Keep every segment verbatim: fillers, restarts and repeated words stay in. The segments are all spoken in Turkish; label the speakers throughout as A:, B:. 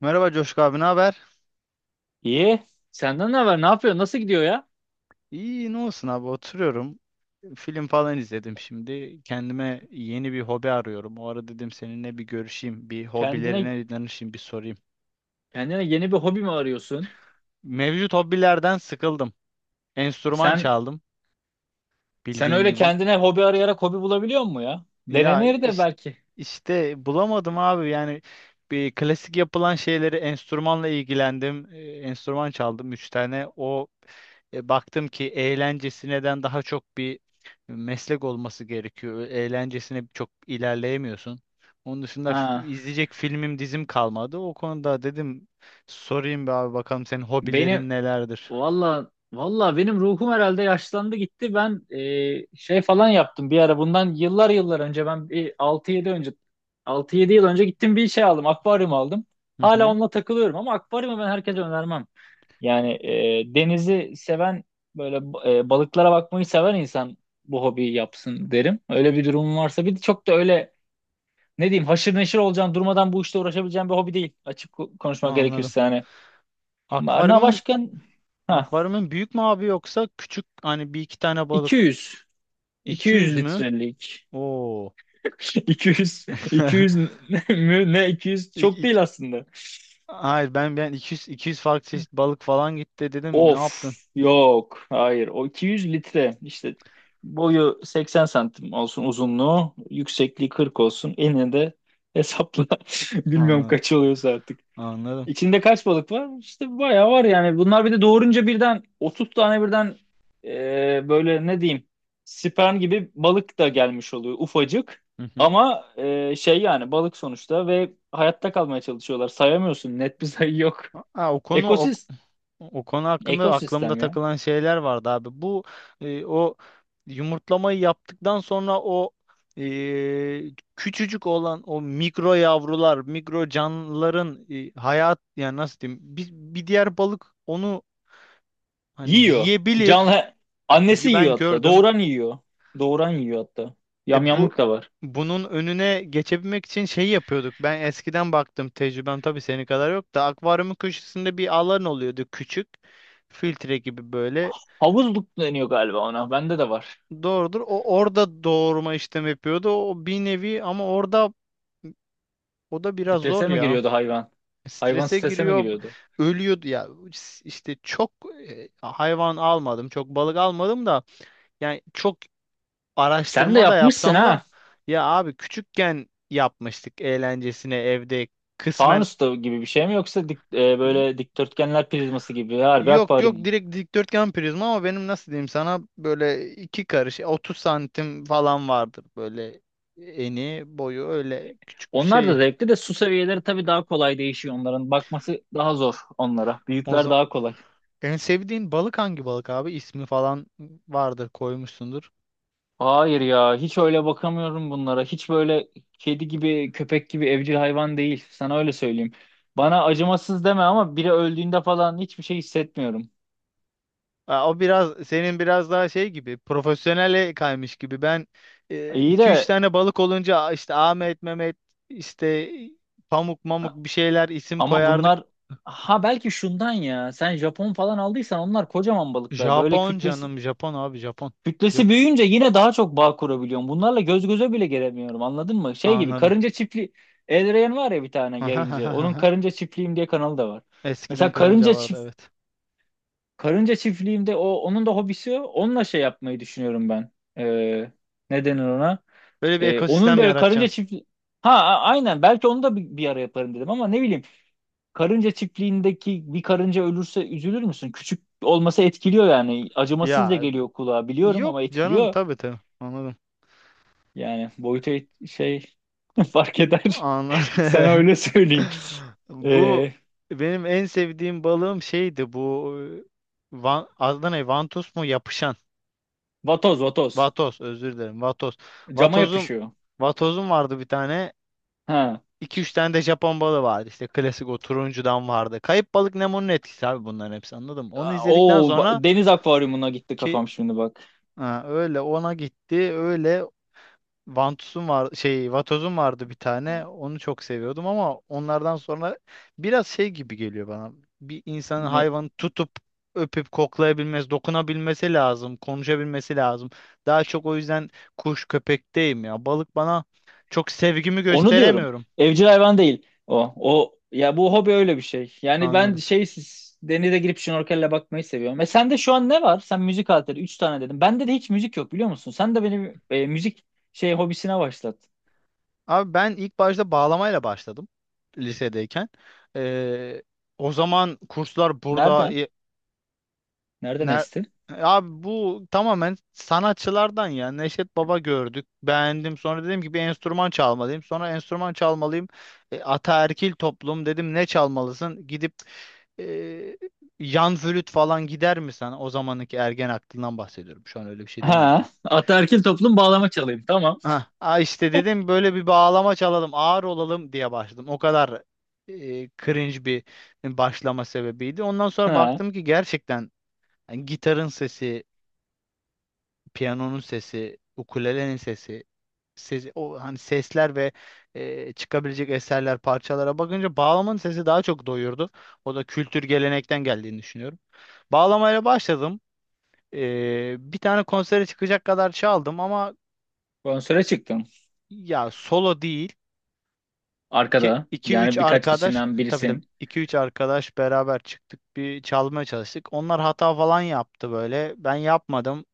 A: Merhaba Coşku abi, ne haber?
B: İyi. Senden ne haber? Ne yapıyorsun? Nasıl gidiyor ya?
A: İyi, ne olsun abi, oturuyorum. Film falan izledim şimdi. Kendime yeni bir hobi arıyorum. O ara dedim seninle bir görüşeyim, bir
B: Kendine
A: hobilerine danışayım, bir sorayım.
B: kendine yeni bir hobi mi arıyorsun?
A: Mevcut hobilerden sıkıldım. Enstrüman
B: Sen
A: çaldım,
B: sen
A: bildiğin
B: öyle
A: gibi.
B: kendine hobi arayarak hobi bulabiliyor musun ya?
A: Ya
B: Denenir de
A: iş-
B: belki.
A: işte, bulamadım abi yani bir klasik yapılan şeyleri enstrümanla ilgilendim. Ee, Enstrüman çaldım üç tane. O e, baktım ki eğlencesineden daha çok bir meslek olması gerekiyor. Eğlencesine çok ilerleyemiyorsun. Onun dışında f-
B: Ha.
A: izleyecek filmim dizim kalmadı. O konuda dedim sorayım bir abi bakalım senin
B: Benim
A: hobilerin nelerdir?
B: valla valla benim ruhum herhalde yaşlandı gitti. Ben e, şey falan yaptım bir ara. Bundan yıllar yıllar önce ben bir altı yedi önce altı yedi yıl önce gittim bir şey aldım. Akvaryum aldım.
A: Hı
B: Hala
A: hı,
B: onunla takılıyorum ama akvaryumu ben herkese önermem. Yani e, denizi seven böyle e, balıklara bakmayı seven insan bu hobiyi yapsın derim. Öyle bir durumun varsa bir de çok da öyle ne diyeyim haşır neşir olacağın, durmadan bu işte uğraşabileceğin bir hobi değil. Açık ko- konuşmak
A: anladım.
B: gerekirse hani. Ma- Na
A: Akvaryumun
B: başka ha,
A: akvaryumun büyük mü abi yoksa küçük hani bir iki tane balık
B: 200
A: iki yüz
B: 200
A: mü?
B: litrelik.
A: Oo.
B: iki yüz iki yüz mü ne, iki yüz
A: İk-
B: çok
A: ik-
B: değil aslında.
A: Hayır ben ben iki yüz iki yüz farklı çeşit balık falan gitti dedim. Ne
B: Of,
A: yaptın?
B: yok hayır o iki yüz litre işte, boyu seksen santim olsun, uzunluğu yüksekliği kırk olsun, enine de hesapla bilmiyorum
A: Anladım.
B: kaç oluyorsa artık.
A: Anladım.
B: İçinde kaç balık var? İşte bayağı var yani, bunlar bir de doğurunca birden otuz tane birden e, böyle ne diyeyim sperm gibi balık da gelmiş oluyor ufacık.
A: Hı hı.
B: Ama e, şey yani balık sonuçta ve hayatta kalmaya çalışıyorlar, sayamıyorsun, net bir sayı yok.
A: Ha, o konu o,
B: Ekosistem,
A: o konu hakkında aklımda
B: ekosistem ya.
A: takılan şeyler vardı abi. Bu e, o yumurtlamayı yaptıktan sonra o e, küçücük olan o mikro yavrular, mikro canlıların e, hayat yani nasıl diyeyim? Bir, bir diğer balık onu hani
B: Yiyor.
A: yiyebilir.
B: Canlı annesi
A: Y-
B: yiyor
A: Ben
B: hatta.
A: gördüm.
B: Doğuran yiyor. Doğuran yiyor hatta.
A: E bu
B: Yamyamlık da var.
A: bunun önüne geçebilmek için şey yapıyorduk. Ben eskiden baktım tecrübem tabii senin kadar yok da akvaryumun köşesinde bir alan oluyordu küçük. Filtre gibi böyle.
B: Havuzluk deniyor galiba ona. Bende de var.
A: Doğrudur. O orada doğurma işlemi yapıyordu. O bir nevi ama orada o da biraz zor
B: Strese mi
A: ya.
B: giriyordu hayvan? Hayvan
A: Strese
B: strese mi
A: giriyor,
B: giriyordu?
A: ölüyordu ya. İşte çok e, hayvan almadım, çok balık almadım da yani çok
B: Sen de
A: araştırma da
B: yapmışsın
A: yapsam da
B: ha.
A: ya abi küçükken yapmıştık eğlencesine evde kısmen.
B: Fanus da gibi bir şey mi, yoksa dik- e,
A: Y-
B: böyle dikdörtgenler prizması gibi harbi
A: Yok yok,
B: akvaryum mu?
A: direkt dikdörtgen prizma ama benim nasıl diyeyim sana böyle iki karış otuz santim falan vardır böyle eni boyu öyle küçük bir
B: Onlar da
A: şey.
B: zevkli de, su seviyeleri tabii daha kolay değişiyor onların. Bakması daha zor onlara.
A: O
B: Büyükler
A: zaman
B: daha kolay.
A: en sevdiğin balık hangi balık abi? İsmi falan vardır koymuşsundur.
B: Hayır ya, hiç öyle bakamıyorum bunlara. Hiç böyle kedi gibi köpek gibi evcil hayvan değil. Sana öyle söyleyeyim. Bana acımasız deme ama biri öldüğünde falan hiçbir şey hissetmiyorum.
A: Aa, o biraz senin biraz daha şey gibi profesyonele kaymış gibi. Ben e,
B: İyi
A: iki üç
B: de
A: tane balık olunca "Aa, işte Ahmet, Mehmet, işte Pamuk, Mamuk" bir şeyler isim
B: ama
A: koyardık.
B: bunlar, ha belki şundan ya. Sen Japon falan aldıysan, onlar kocaman balıklar. Böyle
A: Japon
B: kütlesi
A: canım Japon abi Japon. Jap
B: kütlesi büyüyünce yine daha çok bağ kurabiliyorum. Bunlarla göz göze bile gelemiyorum. Anladın mı? Şey gibi,
A: anladım.
B: karınca çiftliği Elrayan var ya bir tane yayıncı. Onun karınca çiftliğim diye kanalı da var.
A: Eskiden
B: Mesela
A: karınca
B: karınca
A: vardı
B: çift
A: evet.
B: Karınca çiftliğimde, o onun da hobisi o. Onunla şey yapmayı düşünüyorum ben. Ee, ne denir ona?
A: Böyle bir
B: Ee, onun
A: ekosistem
B: böyle karınca
A: yaratacaksın.
B: çiftliği. Ha a- aynen, belki onu da bir, bir ara yaparım dedim ama ne bileyim, karınca çiftliğindeki bir karınca ölürse üzülür müsün? Küçük olması etkiliyor yani, acımasız da
A: Ya
B: geliyor kulağa biliyorum
A: yok
B: ama
A: canım,
B: etkiliyor.
A: tabii tabii anladım.
B: Yani boyutu et- şey fark eder
A: Anladım.
B: sana öyle söyleyeyim.
A: Bu
B: Ee,
A: benim en sevdiğim balığım şeydi, bu e, Van, adı ne? Vantus mu? Yapışan.
B: vatoz, vatoz
A: Vatos, özür dilerim. Vatos.
B: cama
A: Vatozum
B: yapışıyor.
A: Vatozum vardı bir tane.
B: Ha.
A: İki üç tane de Japon balığı vardı. İşte klasik o turuncudan vardı. Kayıp Balık Nemo'nun etkisi abi, bunların hepsi, anladım. Onu izledikten
B: O
A: sonra
B: deniz akvaryumuna gitti
A: ki
B: kafam şimdi bak.
A: ha, öyle ona gitti. Öyle Vantus'un var şey Vatoz'un vardı bir tane. Onu çok seviyordum ama onlardan sonra biraz şey gibi geliyor bana. Bir insanın
B: Ne?
A: hayvanı tutup öpüp koklayabilmesi, dokunabilmesi lazım, konuşabilmesi lazım. Daha çok o yüzden kuş köpekteyim ya. Balık bana, çok sevgimi
B: Onu diyorum.
A: gösteremiyorum.
B: Evcil hayvan değil o. O ya, bu hobi öyle bir şey. Yani ben
A: Anladım.
B: şey, siz- denize girip şnorkelle bakmayı seviyorum. E sende şu an ne var? Sen müzik aleti üç tane dedim. Bende de hiç müzik yok biliyor musun? Sen de benim e, müzik şey hobisine başlat.
A: Abi ben ilk başta bağlamayla başladım lisedeyken. Ee, O zaman kurslar burada.
B: Nereden? Nereden
A: Ner
B: esti?
A: Abi bu tamamen sanatçılardan ya. Neşet Baba gördük. Beğendim. Sonra dedim ki bir enstrüman çalmalıyım. Sonra enstrüman çalmalıyım. E, ataerkil toplum, dedim ne çalmalısın? Gidip e, yan flüt falan gider mi sen? O zamanki ergen aklından bahsediyorum. Şu an öyle bir şey demiyorum tabii.
B: Ha, ataerkil toplum bağlama çalayım. Tamam.
A: Ha, ha işte dedim böyle bir bağlama çalalım, ağır olalım diye başladım. O kadar e, cringe bir başlama sebebiydi. Ondan sonra
B: Ha,
A: baktım ki gerçekten yani gitarın sesi, piyanonun sesi, ukulelenin sesi, sesi o hani sesler ve e, çıkabilecek eserler, parçalara bakınca bağlamanın sesi daha çok doyurdu. O da kültür gelenekten geldiğini düşünüyorum. Bağlamayla başladım. E, bir tane konsere çıkacak kadar çaldım ama
B: konsere çıktın.
A: ya solo değil.
B: Arkada.
A: İki üç
B: Yani birkaç
A: arkadaş
B: kişiden
A: tabii tabii,
B: birisin.
A: iki üç arkadaş beraber çıktık, bir çalmaya çalıştık. Onlar hata falan yaptı böyle. Ben yapmadım.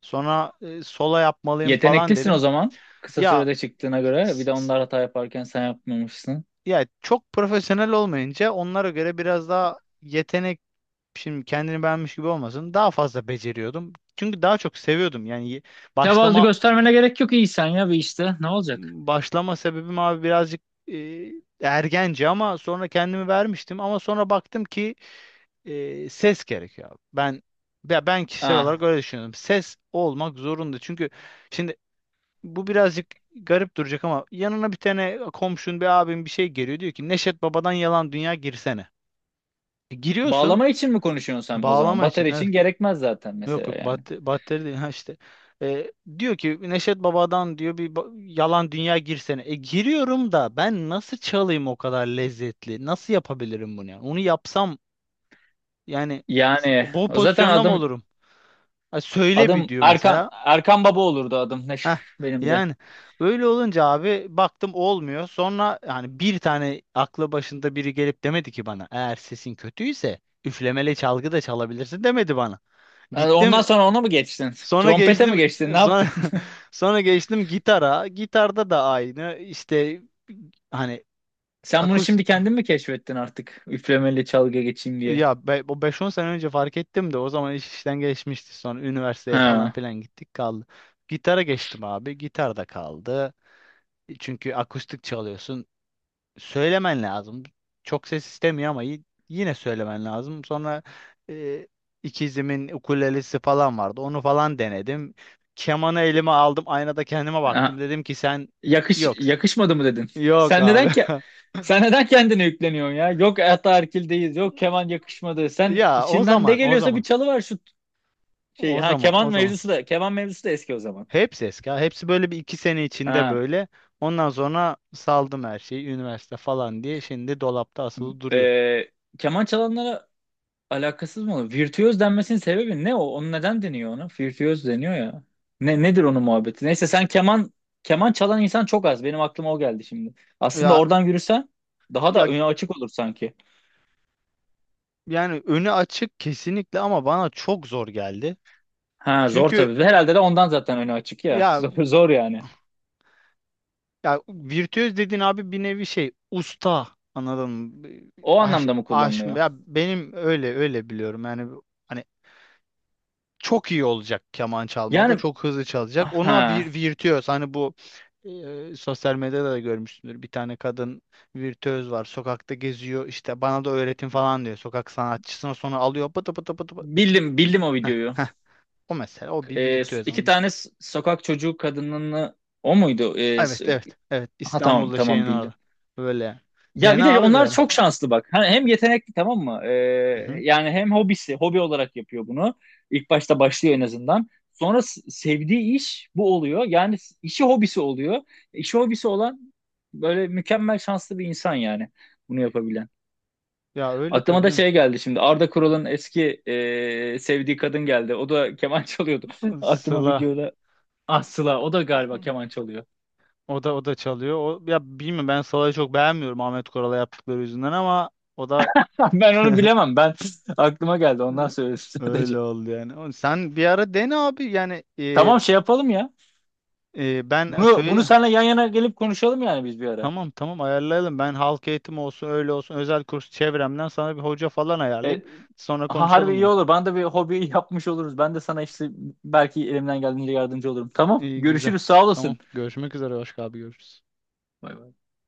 A: Sonra e, solo yapmalıyım falan
B: Yeteneklisin o
A: dedim.
B: zaman. Kısa
A: Ya
B: sürede çıktığına göre. Bir de onlar hata yaparken sen yapmamışsın.
A: Ya çok profesyonel olmayınca onlara göre biraz daha yetenek, şimdi kendini beğenmiş gibi olmasın, daha fazla beceriyordum. Çünkü daha çok seviyordum. Yani ye-
B: Tevazu
A: başlama
B: göstermene gerek yok, iyisen ya bir işte. Ne olacak?
A: başlama sebebim abi birazcık e, ergence ama sonra kendimi vermiştim, ama sonra baktım ki e, ses gerekiyor, abi. Ben ya ben kişisel olarak
B: Ah,
A: öyle düşünüyorum. Ses olmak zorunda. Çünkü şimdi bu birazcık garip duracak ama yanına bir tane komşun, bir abim bir şey, geliyor diyor ki Neşet Baba'dan yalan dünya girsene. E, Giriyorsun
B: bağlama için mi konuşuyorsun sen o zaman?
A: bağlama için.
B: Batarya
A: Evet.
B: için gerekmez zaten
A: Yok
B: mesela
A: yok,
B: yani.
A: batteri, batteri değil. Ha işte. E, Diyor ki Neşet Baba'dan, diyor, bir ba- yalan dünya girsene. E giriyorum da ben nasıl çalayım o kadar lezzetli? Nasıl yapabilirim bunu yani? Onu yapsam yani s-
B: Yani
A: bu
B: o zaten
A: pozisyonda mı
B: adım
A: olurum? Ha, söyle bir
B: adım
A: diyor
B: Erkan
A: mesela.
B: Erkan Baba olurdu adım, ne
A: Heh.
B: benim de.
A: Yani öyle olunca abi baktım olmuyor. Sonra yani bir tane aklı başında biri gelip demedi ki bana eğer sesin kötüyse üflemeli çalgı da çalabilirsin, demedi bana.
B: Ha,
A: Gittim
B: ondan sonra ona mı geçtin?
A: Sonra
B: Trompete mi
A: geçtim,
B: geçtin? Ne
A: sonra
B: yaptın?
A: sonra geçtim gitara. Gitarda da aynı. İşte hani
B: Sen bunu
A: akus
B: şimdi kendin mi keşfettin artık? Üflemeli çalgı geçeyim diye.
A: ya be, o beş on sene önce fark ettim de o zaman iş işten geçmişti. Sonra üniversiteye falan
B: Ha.
A: filan gittik, kaldı. Gitara geçtim abi. Gitar da kaldı. Çünkü akustik çalıyorsun, söylemen lazım. Çok ses istemiyor ama y- yine söylemen lazım. Sonra e, ikizimin ukulelesi falan vardı. Onu falan denedim. Kemanı elime aldım. Aynada kendime baktım. Dedim ki sen
B: Yakış
A: yoksun.
B: yakışmadı mı dedin?
A: Yok
B: Sen
A: abi.
B: neden ki sen neden kendine yükleniyorsun ya? Yok, ataerkildeyiz. Yok, keman yakışmadı. Sen
A: Ya o
B: içinden ne
A: zaman, o
B: geliyorsa bir
A: zaman,
B: çalı var şu şey.
A: o
B: Ha
A: zaman,
B: keman
A: o zaman.
B: mevzusu da, keman mevzusu da eski o zaman.
A: Hepsi eski. Ha. Hepsi böyle bir iki sene içinde
B: Ha.
A: böyle. Ondan sonra saldım her şeyi. Üniversite falan diye. Şimdi dolapta asılı duruyor.
B: e, keman çalanlara alakasız mı olur? Virtüöz denmesinin sebebi ne o? Onu neden deniyor ona? Virtüöz deniyor ya. Ne nedir onun muhabbeti? Neyse sen keman keman çalan insan çok az. Benim aklıma o geldi şimdi. Aslında
A: Ya
B: oradan yürüsen daha
A: ya
B: da öne açık olur sanki.
A: Yani önü açık kesinlikle ama bana çok zor geldi.
B: Ha zor
A: Çünkü
B: tabii. Ve herhalde de ondan zaten önü açık ya.
A: ya
B: Zor, zor yani.
A: ya virtüöz dediğin abi bir nevi şey, usta, anladın mı?
B: O
A: Aş,
B: anlamda mı
A: aş,
B: kullanılıyor?
A: ya benim öyle öyle biliyorum. Yani hani çok iyi olacak keman çalmada,
B: Yani
A: çok hızlı çalacak. Ona
B: ha,
A: vir, virtüöz hani, bu e, sosyal medyada da görmüşsündür. Bir tane kadın virtüöz var. Sokakta geziyor. İşte bana da öğretin falan diyor. Sokak sanatçısına sonra alıyor. Pıtı pıtı pıtı pıtı.
B: bildim bildim o
A: Heh,
B: videoyu.
A: heh. O mesela, o bir
B: Ee,
A: virtüöz.
B: iki tane s- sokak çocuğu kadınını, o muydu? Ee,
A: Evet
B: s-
A: evet evet,
B: ha tamam,
A: İstanbul'da, şeyin
B: tamam bildim.
A: orada. Böyle.
B: Ya bir
A: Dene
B: de
A: abi bir
B: onlar
A: ara.
B: çok şanslı bak. Hani hem yetenekli, tamam mı?
A: Hı
B: Ee,
A: hı.
B: yani hem hobisi, hobi olarak yapıyor bunu. İlk başta başlıyor en azından. Sonra s- sevdiği iş bu oluyor. Yani s- işi hobisi oluyor. İşi hobisi olan böyle mükemmel şanslı bir insan yani, bunu yapabilen.
A: Ya öyle
B: Aklıma
A: tabii
B: da
A: canım.
B: şey geldi şimdi. Arda Kural'ın eski ee, sevdiği kadın geldi. O da keman çalıyordu. Aklıma
A: Sıla.
B: videoda. Ah Sıla, o da
A: Hı.
B: galiba keman çalıyor.
A: O da o da çalıyor. O, ya bilmiyorum, ben Sıla'yı çok beğenmiyorum Ahmet Koral'a yaptıkları yüzünden ama o da,
B: Ben onu bilemem. Ben, aklıma geldi. Ondan
A: Hı,
B: söyledim
A: öyle
B: sadece.
A: oldu yani. O- Sen bir ara dene abi yani e,
B: Tamam, şey yapalım ya.
A: e, ben
B: Bunu bunu
A: söyle,
B: seninle yan yana gelip konuşalım yani biz bir ara.
A: tamam tamam ayarlayalım. Ben halk eğitim olsun, öyle olsun özel kurs, çevremden sana bir hoca falan ayarlayayım.
B: E,
A: Sonra
B: ha, harbi
A: konuşalım
B: iyi
A: bunu.
B: olur. Bana da bir hobi yapmış oluruz. Ben de sana işte belki elimden geldiğince yardımcı olurum. Tamam.
A: İyi güzel.
B: Görüşürüz. Sağ
A: Tamam
B: olasın.
A: görüşmek üzere, başka abi görüşürüz.
B: Bay bay.